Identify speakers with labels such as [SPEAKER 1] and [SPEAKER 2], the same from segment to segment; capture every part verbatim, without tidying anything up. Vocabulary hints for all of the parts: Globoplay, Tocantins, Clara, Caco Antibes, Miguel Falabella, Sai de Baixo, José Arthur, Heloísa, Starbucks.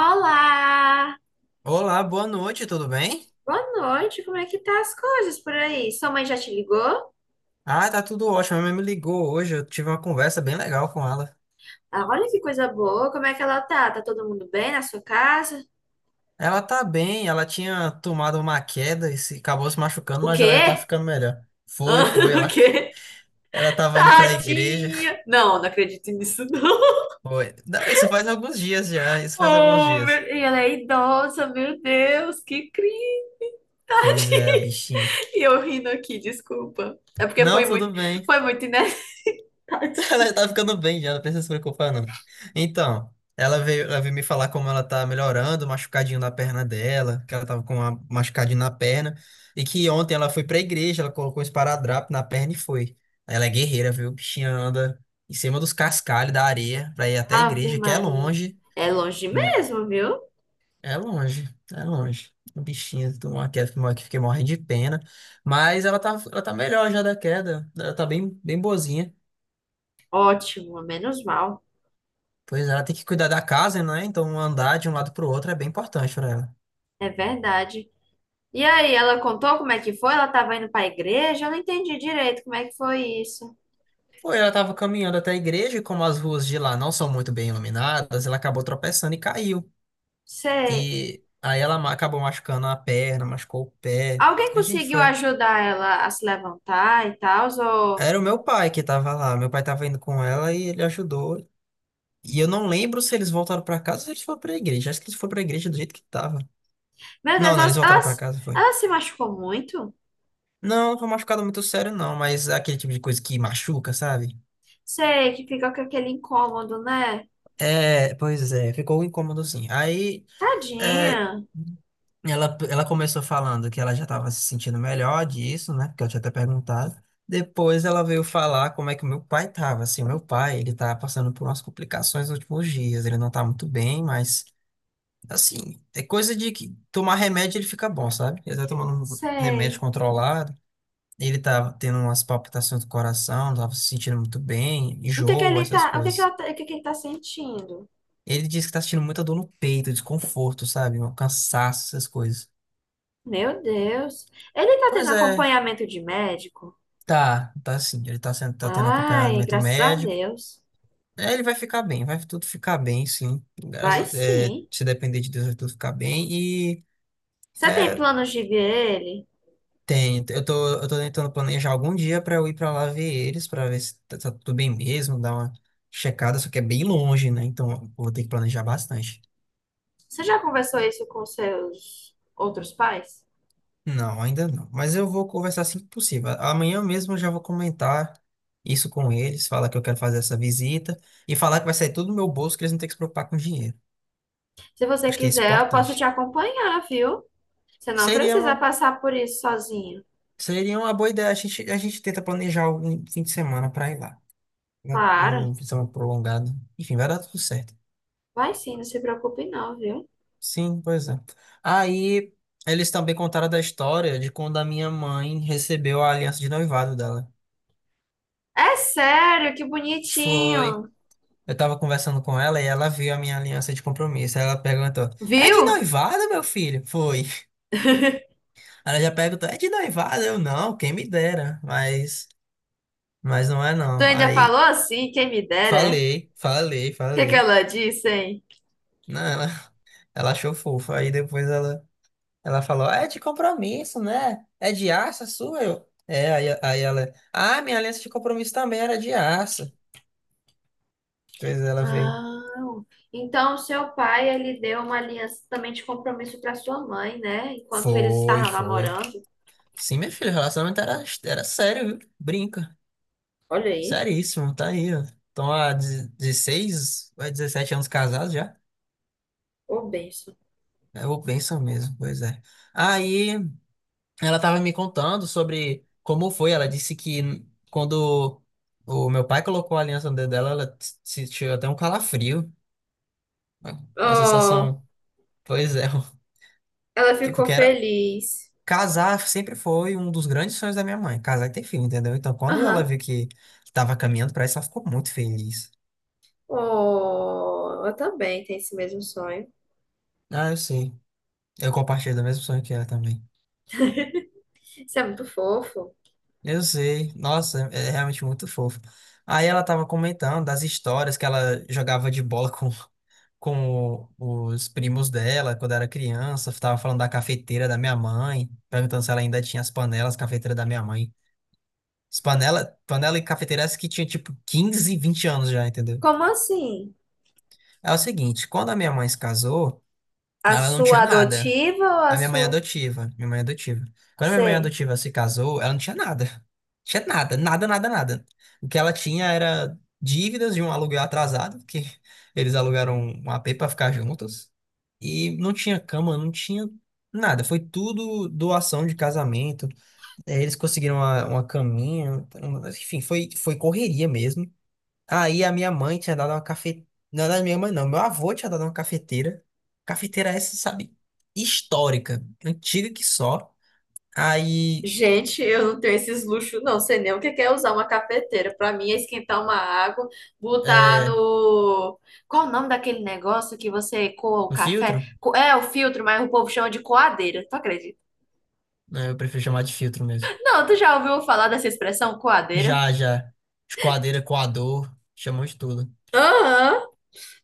[SPEAKER 1] Olá!
[SPEAKER 2] Olá, boa noite, tudo bem?
[SPEAKER 1] Boa noite, como é que tá as coisas por aí? Sua mãe já te ligou?
[SPEAKER 2] Ah, tá tudo ótimo. Minha mãe me ligou hoje, eu tive uma conversa bem legal com ela.
[SPEAKER 1] Ah, olha que coisa boa, como é que ela tá? Tá todo mundo bem na sua casa?
[SPEAKER 2] Ela tá bem, ela tinha tomado uma queda e se, acabou se machucando,
[SPEAKER 1] O
[SPEAKER 2] mas ela já tá
[SPEAKER 1] quê?
[SPEAKER 2] ficando melhor. Foi,
[SPEAKER 1] Ah,
[SPEAKER 2] foi,
[SPEAKER 1] o
[SPEAKER 2] ela,
[SPEAKER 1] quê?
[SPEAKER 2] ela tava indo pra igreja.
[SPEAKER 1] Tadinha! Não, não acredito nisso, não.
[SPEAKER 2] Foi. Não, isso faz alguns dias já, isso faz alguns
[SPEAKER 1] Oh, meu...
[SPEAKER 2] dias.
[SPEAKER 1] E ela é idosa, meu Deus, que cringe!
[SPEAKER 2] Pois é, a bichinha.
[SPEAKER 1] E eu rindo aqui, desculpa. É porque
[SPEAKER 2] Não,
[SPEAKER 1] foi muito,
[SPEAKER 2] tudo bem.
[SPEAKER 1] foi muito inesperado.
[SPEAKER 2] Ela já tá ficando bem já, não precisa se preocupar, não. Então, ela veio, ela veio me falar como ela tá melhorando, machucadinho na perna dela, que ela tava com uma machucadinho na perna, e que ontem ela foi pra igreja, ela colocou um esparadrapo na perna e foi. Ela é guerreira, viu? Bichinha anda em cima dos cascalhos da areia pra ir até a
[SPEAKER 1] Ave
[SPEAKER 2] igreja, que é
[SPEAKER 1] Maria.
[SPEAKER 2] longe.
[SPEAKER 1] É longe
[SPEAKER 2] Hum,
[SPEAKER 1] mesmo, viu?
[SPEAKER 2] É longe, é longe. O bichinho tomou uma queda, que fiquei morrendo de pena. Mas ela tá, ela tá melhor já da queda. Ela tá bem, bem boazinha.
[SPEAKER 1] Ótimo, menos mal.
[SPEAKER 2] Pois é, ela tem que cuidar da casa, né? Então um andar de um lado para o outro é bem importante para ela.
[SPEAKER 1] É verdade. E aí, ela contou como é que foi? Ela estava indo para a igreja? Eu não entendi direito como é que foi isso.
[SPEAKER 2] Foi, ela estava caminhando até a igreja e como as ruas de lá não são muito bem iluminadas, ela acabou tropeçando e caiu.
[SPEAKER 1] Sei.
[SPEAKER 2] E aí ela ma- acabou machucando a perna, machucou o pé.
[SPEAKER 1] Alguém
[SPEAKER 2] A gente
[SPEAKER 1] conseguiu
[SPEAKER 2] foi.
[SPEAKER 1] ajudar ela a se levantar e tal? Ou...
[SPEAKER 2] Era o meu pai que estava lá. Meu pai estava indo com ela e ele ajudou. E eu não lembro se eles voltaram para casa ou se eles foram para a igreja. Acho que eles foram para a igreja do jeito que estava.
[SPEAKER 1] Meu Deus,
[SPEAKER 2] Não, não, eles
[SPEAKER 1] ela, ela,
[SPEAKER 2] voltaram para casa, foi.
[SPEAKER 1] ela se machucou muito?
[SPEAKER 2] Não, não foi machucado muito sério, não, mas é aquele tipo de coisa que machuca, sabe?
[SPEAKER 1] Sei, que fica com aquele incômodo, né?
[SPEAKER 2] É, pois é, ficou um incômodo assim. Aí
[SPEAKER 1] Tadinha.
[SPEAKER 2] é, ela, ela começou falando que ela já estava se sentindo melhor disso, né? Porque eu tinha até perguntado. Depois ela veio falar como é que o meu pai estava. Assim, o meu pai, ele tá passando por umas complicações nos últimos dias. Ele não tá muito bem, mas assim, é coisa de que tomar remédio ele fica bom, sabe? Ele tá tomando um remédio
[SPEAKER 1] Sei.
[SPEAKER 2] controlado. Ele tava tendo umas palpitações do coração, não tava se sentindo muito bem,
[SPEAKER 1] O que que
[SPEAKER 2] enjoo,
[SPEAKER 1] ele
[SPEAKER 2] essas
[SPEAKER 1] tá, o que que
[SPEAKER 2] coisas.
[SPEAKER 1] ela, tá- O que que ele tá sentindo?
[SPEAKER 2] Ele disse que tá sentindo muita dor no peito, desconforto, sabe? Um cansaço, essas coisas.
[SPEAKER 1] Meu Deus. Ele tá tendo
[SPEAKER 2] Pois é,
[SPEAKER 1] acompanhamento de médico?
[SPEAKER 2] tá, tá sim. Ele tá, sendo, tá tendo
[SPEAKER 1] Ai,
[SPEAKER 2] acompanhamento
[SPEAKER 1] graças a
[SPEAKER 2] médico.
[SPEAKER 1] Deus.
[SPEAKER 2] É, ele vai ficar bem, vai tudo ficar bem, sim.
[SPEAKER 1] Vai
[SPEAKER 2] Graças- é,
[SPEAKER 1] sim.
[SPEAKER 2] se depender de Deus, vai tudo ficar bem. E
[SPEAKER 1] Você tem
[SPEAKER 2] é,
[SPEAKER 1] planos de ver ele?
[SPEAKER 2] tem, eu tô, eu tô tentando planejar algum dia pra eu ir pra lá ver eles, pra ver se tá, tá tudo bem mesmo, dar uma checada, só que é bem longe, né? Então eu vou ter que planejar bastante.
[SPEAKER 1] Você já conversou isso com seus outros pais?
[SPEAKER 2] Não, ainda não. Mas eu vou conversar assim que possível. Amanhã mesmo eu já vou comentar isso com eles, falar que eu quero fazer essa visita e falar que vai sair tudo do meu bolso, que eles não têm que se preocupar com dinheiro.
[SPEAKER 1] Se você
[SPEAKER 2] Acho que é isso
[SPEAKER 1] quiser, eu posso te
[SPEAKER 2] importante.
[SPEAKER 1] acompanhar, viu? Você não
[SPEAKER 2] Seria uma,
[SPEAKER 1] precisa passar por isso sozinho.
[SPEAKER 2] seria uma boa ideia. A gente, a gente tenta planejar algum fim de semana para ir lá. Um,
[SPEAKER 1] Claro,
[SPEAKER 2] um fim de semana prolongado. Enfim, vai dar tudo certo.
[SPEAKER 1] vai sim, não se preocupe não, viu?
[SPEAKER 2] Sim, pois é. Aí eles também contaram da história de quando a minha mãe recebeu a aliança de noivado dela.
[SPEAKER 1] É sério, que
[SPEAKER 2] Foi.
[SPEAKER 1] bonitinho.
[SPEAKER 2] Eu tava conversando com ela e ela viu a minha aliança de compromisso. Aí ela perguntou: É de
[SPEAKER 1] Viu?
[SPEAKER 2] noivado, meu filho? Foi. Ela já perguntou: É de noivado? Eu não, quem me dera. Mas, mas não é
[SPEAKER 1] Tu
[SPEAKER 2] não.
[SPEAKER 1] ainda falou
[SPEAKER 2] Aí
[SPEAKER 1] assim, quem me dera, é? O
[SPEAKER 2] falei, falei,
[SPEAKER 1] que que
[SPEAKER 2] falei.
[SPEAKER 1] ela disse, hein?
[SPEAKER 2] Não, ela, ela achou fofo. Aí depois ela, ela falou: É de compromisso, né? É de aço a sua? Eu. É, aí, aí ela: Ah, minha aliança de compromisso também era de aço. Depois ela veio:
[SPEAKER 1] Ah, então seu pai, ele deu uma aliança também de compromisso para sua mãe, né? Enquanto eles
[SPEAKER 2] Foi,
[SPEAKER 1] estavam
[SPEAKER 2] foi.
[SPEAKER 1] namorando.
[SPEAKER 2] Sim, meu filho. O relacionamento era, era sério, viu? Brinca.
[SPEAKER 1] Olha aí,
[SPEAKER 2] Seríssimo, tá aí, ó. Estão há dezesseis ou é dezessete anos casados já.
[SPEAKER 1] ô bênção.
[SPEAKER 2] É o benção mesmo, pois é. Aí ela tava me contando sobre como foi. Ela disse que quando o meu pai colocou a aliança no dedo dela, ela t- sentiu até um calafrio. Uma
[SPEAKER 1] Oh,
[SPEAKER 2] sensação, pois é,
[SPEAKER 1] ela
[SPEAKER 2] que-
[SPEAKER 1] ficou
[SPEAKER 2] porque era.
[SPEAKER 1] feliz.
[SPEAKER 2] Casar sempre foi um dos grandes sonhos da minha mãe, casar e ter filho, entendeu? Então, quando ela
[SPEAKER 1] Aham.
[SPEAKER 2] viu que tava caminhando pra isso, ela ficou muito feliz.
[SPEAKER 1] Oh, eu também tenho esse mesmo sonho.
[SPEAKER 2] Ah, eu sei. Eu compartilho do mesmo sonho que ela também.
[SPEAKER 1] Isso é muito fofo.
[SPEAKER 2] Eu sei, nossa, é é realmente muito fofo. Aí ela tava comentando das histórias que ela jogava de bola com, com o- os primos dela quando era criança. Tava falando da cafeteira da minha mãe, perguntando se ela ainda tinha as panelas, cafeteira da minha mãe. As panela, panela e cafeteira essa que tinha tipo quinze, vinte anos já, entendeu?
[SPEAKER 1] Como assim?
[SPEAKER 2] É o seguinte, quando a minha mãe se casou.
[SPEAKER 1] A
[SPEAKER 2] Ela não tinha
[SPEAKER 1] sua
[SPEAKER 2] nada.
[SPEAKER 1] adotiva ou a
[SPEAKER 2] A minha mãe
[SPEAKER 1] sua?
[SPEAKER 2] adotiva, minha mãe adotiva. Quando a minha mãe
[SPEAKER 1] Sei.
[SPEAKER 2] adotiva se casou, ela não tinha nada. Tinha nada, nada, nada, nada. O que ela tinha era dívidas de um aluguel atrasado, que eles alugaram um A p para ficar juntos. E não tinha cama, não tinha nada. Foi tudo doação de casamento. Eh, Eles conseguiram uma, uma caminha. um- Enfim, foi, foi correria mesmo. Aí a minha mãe tinha dado uma cafeteira. Não, não, é minha mãe não. Meu avô tinha dado uma cafeteira. Cafeteira essa, sabe? Histórica. Antiga que só. Aí.
[SPEAKER 1] Gente, eu não tenho esses luxos, não. Sei nem o que que é usar uma cafeteira. Pra mim é esquentar uma água, botar
[SPEAKER 2] É,
[SPEAKER 1] no. Qual o nome daquele negócio que você coa o
[SPEAKER 2] um
[SPEAKER 1] café?
[SPEAKER 2] filtro?
[SPEAKER 1] Co- É o filtro, mas o povo chama de coadeira. Tu acredita?
[SPEAKER 2] Né, eu prefiro chamar de filtro mesmo.
[SPEAKER 1] Não, tu já ouviu falar dessa expressão coadeira?
[SPEAKER 2] Já, já. Esquadeira, coador. Chamou de tudo.
[SPEAKER 1] Aham.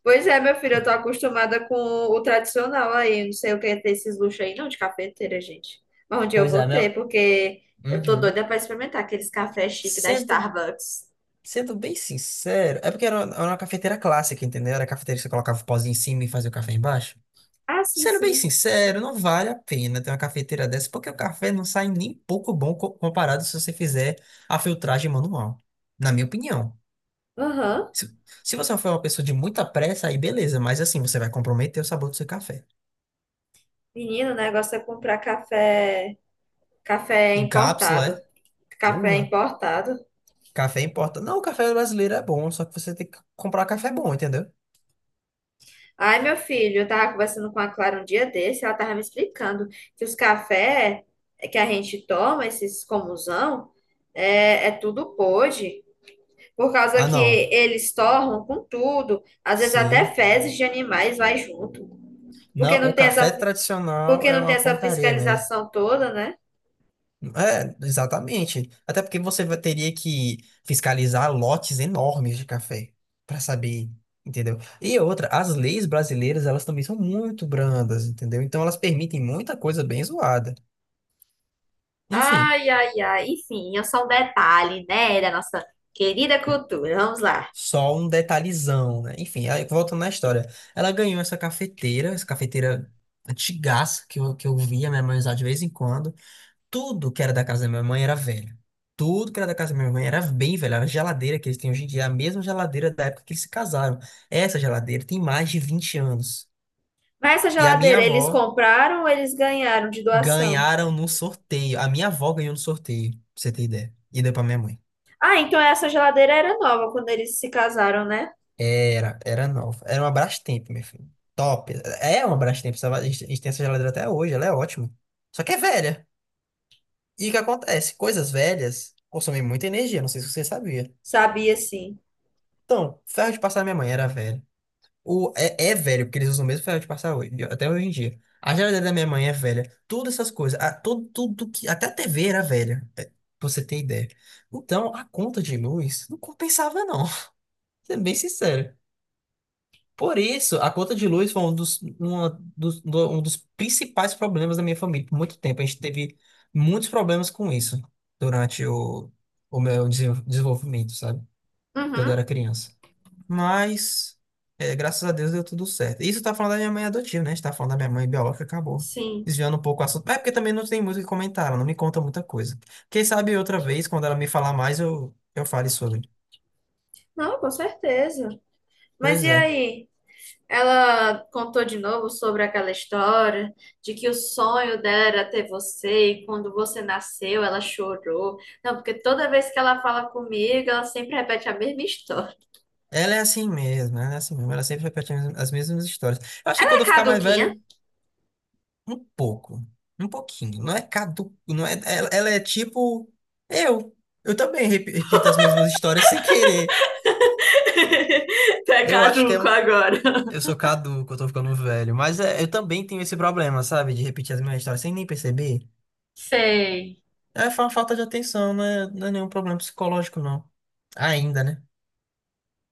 [SPEAKER 1] Pois é, meu filho, eu
[SPEAKER 2] Po-
[SPEAKER 1] tô acostumada com o tradicional aí. Eu Não sei o que é ter esses luxos aí, não, de cafeteira, gente. Mas onde eu
[SPEAKER 2] Pois
[SPEAKER 1] vou
[SPEAKER 2] é,
[SPEAKER 1] ter,
[SPEAKER 2] meu.
[SPEAKER 1] porque eu tô
[SPEAKER 2] Uhum.
[SPEAKER 1] doida pra experimentar aqueles cafés chiques da
[SPEAKER 2] Sendo,
[SPEAKER 1] Starbucks.
[SPEAKER 2] sendo bem sincero. É porque era, uma era uma cafeteira clássica, entendeu? Era a cafeteira que você colocava o pozinho em cima e fazia o café embaixo.
[SPEAKER 1] Ah, sim,
[SPEAKER 2] Sendo bem
[SPEAKER 1] sim.
[SPEAKER 2] sincero, não vale a pena ter uma cafeteira dessa, porque o café não sai nem pouco bom co- comparado se você fizer a filtragem manual, na minha opinião.
[SPEAKER 1] Aham.
[SPEAKER 2] Se, se você for uma pessoa de muita pressa, aí beleza, mas assim, você vai comprometer o sabor do seu café.
[SPEAKER 1] Menino, o negócio é comprar café, café
[SPEAKER 2] Em cápsula,
[SPEAKER 1] importado.
[SPEAKER 2] é?
[SPEAKER 1] Café
[SPEAKER 2] Urra,
[SPEAKER 1] importado.
[SPEAKER 2] café importa. Não, o café brasileiro é bom, só que você tem que comprar um café bom, entendeu?
[SPEAKER 1] Ai, meu filho, eu tava conversando com a Clara um dia desse, ela tava me explicando que os cafés que a gente toma, esses comusão, é, é tudo pode. Por causa
[SPEAKER 2] Ah,
[SPEAKER 1] que
[SPEAKER 2] não.
[SPEAKER 1] eles torram com tudo, às vezes até
[SPEAKER 2] Sim.
[SPEAKER 1] fezes de animais vai junto, porque
[SPEAKER 2] Não,
[SPEAKER 1] não
[SPEAKER 2] o
[SPEAKER 1] tem
[SPEAKER 2] café
[SPEAKER 1] essa,
[SPEAKER 2] tradicional
[SPEAKER 1] porque
[SPEAKER 2] é
[SPEAKER 1] não tem
[SPEAKER 2] uma
[SPEAKER 1] essa
[SPEAKER 2] porcaria mesmo.
[SPEAKER 1] fiscalização toda, né?
[SPEAKER 2] É, exatamente. Até porque você vai- teria que fiscalizar lotes enormes de café para saber, entendeu? E outra, as leis brasileiras, elas também são muito brandas, entendeu? Então elas permitem muita coisa bem zoada. Enfim,
[SPEAKER 1] Ai, ai, ai. Enfim, é só um detalhe, né, da nossa querida cultura. Vamos lá.
[SPEAKER 2] só um detalhezão, né? Enfim, aí, voltando na história. Ela ganhou essa cafeteira, essa cafeteira antigaça que eu, que eu, via minha mãe usar de vez em quando. Tudo que era da casa da minha mãe era velho. Tudo que era da casa da minha mãe era bem velho. Era a geladeira que eles têm hoje em dia, é a mesma geladeira da época que eles se casaram. Essa geladeira tem mais de vinte anos.
[SPEAKER 1] Mas essa
[SPEAKER 2] E a minha
[SPEAKER 1] geladeira eles
[SPEAKER 2] avó
[SPEAKER 1] compraram ou eles ganharam de doação?
[SPEAKER 2] ganharam no sorteio. A minha avó ganhou no sorteio, pra você ter ideia. E deu pra minha mãe.
[SPEAKER 1] Ah, então essa geladeira era nova quando eles se casaram, né?
[SPEAKER 2] Era, era nova. Era uma Brastemp, meu filho. Top. É uma Brastemp. essa- A gente a gente tem essa geladeira até hoje, ela é ótima. Só que é velha. E o que acontece? Coisas velhas consomem muita energia, não sei se você sabia.
[SPEAKER 1] Sabia sim.
[SPEAKER 2] Então, ferro de passar da minha mãe era velho. O, é, é velho, porque eles usam o mesmo ferro de passar hoje, até hoje em dia. A geladeira da minha mãe é velha. Todas essas coisas. A, todo, tudo que, até a T V era velha. é, pra você ter ideia. Então, a conta de luz não compensava, não. Sendo bem sincero. Por isso, a conta de luz foi um dos, uma dos- do- um dos principais problemas da minha família por muito tempo. A gente teve muitos problemas com isso durante o, o meu desenvol- desenvolvimento, sabe? Quando eu
[SPEAKER 1] Uhum,
[SPEAKER 2] era criança. Mas, é, graças a Deus deu tudo certo. Isso tá falando da minha mãe adotiva, né? A gente tá falando da minha mãe biológica, acabou.
[SPEAKER 1] sim.
[SPEAKER 2] Desviando um pouco o assunto. É porque também não tem muito o que comentar, ela não me conta muita coisa. Quem sabe outra vez, quando ela me falar mais, eu, eu fale sobre.
[SPEAKER 1] Não, com certeza. Mas
[SPEAKER 2] Pois
[SPEAKER 1] e
[SPEAKER 2] é.
[SPEAKER 1] aí? Ela contou de novo sobre aquela história de que o sonho dela era ter você e quando você nasceu ela chorou. Não, porque toda vez que ela fala comigo, ela sempre repete a mesma história.
[SPEAKER 2] Ela é assim mesmo, ela é assim mesmo. Ela sempre repete as as mesmas histórias. Eu acho
[SPEAKER 1] Tá
[SPEAKER 2] que quando eu ficar mais
[SPEAKER 1] caduquinha?
[SPEAKER 2] velho, um pouco. Um pouquinho. Não é cadu... não é... Ela, ela é tipo eu. Eu também rep- repito as mesmas histórias sem querer.
[SPEAKER 1] Tá
[SPEAKER 2] Eu acho que é um
[SPEAKER 1] caduco agora.
[SPEAKER 2] Eu sou caduco, eu tô ficando velho. Mas é, eu também tenho esse problema, sabe? De repetir as mesmas histórias sem nem perceber.
[SPEAKER 1] Sei.
[SPEAKER 2] É fa- falta de atenção, não é, não é nenhum problema psicológico, não. Ainda, né?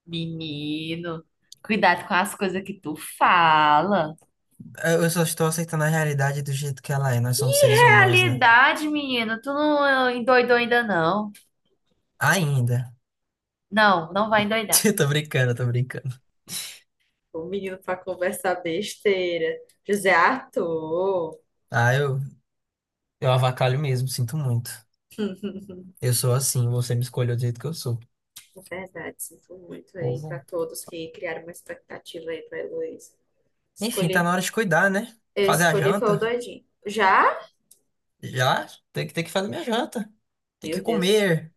[SPEAKER 1] Menino, cuidado com as coisas que tu fala.
[SPEAKER 2] Eu eu só estou aceitando a realidade do jeito que ela é. Nós somos seres humanos, né?
[SPEAKER 1] Realidade, menino, tu não endoidou ainda não.
[SPEAKER 2] Ainda.
[SPEAKER 1] Não, não vai endoidar.
[SPEAKER 2] Eu tô brincando, eu tô brincando.
[SPEAKER 1] O menino pra conversar besteira. José Arthur.
[SPEAKER 2] Ah, eu, eu avacalho mesmo, sinto muito. Eu sou assim, você me escolheu do jeito que eu sou.
[SPEAKER 1] É verdade, sinto muito aí
[SPEAKER 2] Pois
[SPEAKER 1] pra
[SPEAKER 2] é.
[SPEAKER 1] todos que criaram uma expectativa aí pra Heloísa.
[SPEAKER 2] Enfim, tá na
[SPEAKER 1] Escolhi,
[SPEAKER 2] hora de cuidar, né?
[SPEAKER 1] eu
[SPEAKER 2] Fazer a
[SPEAKER 1] escolhi foi o
[SPEAKER 2] janta.
[SPEAKER 1] doidinho. Já?
[SPEAKER 2] Já? Tem que, tem que fazer minha janta. Tem que
[SPEAKER 1] Meu Deus.
[SPEAKER 2] comer.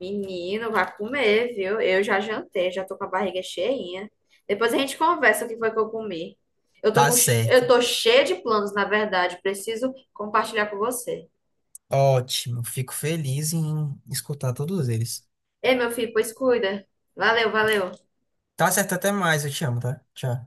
[SPEAKER 1] Menino, vai comer, viu? Eu já jantei, já tô com a barriga cheinha. Depois a gente conversa o que foi que eu comi. Eu tô
[SPEAKER 2] Tá
[SPEAKER 1] com, che-
[SPEAKER 2] certo.
[SPEAKER 1] eu tô cheia de planos, na verdade. Preciso compartilhar com você.
[SPEAKER 2] Ótimo, fico feliz em escutar todos eles.
[SPEAKER 1] Ei, meu filho, pois cuida. Valeu, valeu.
[SPEAKER 2] Tá certo, até mais, eu te amo, tá? Tchau.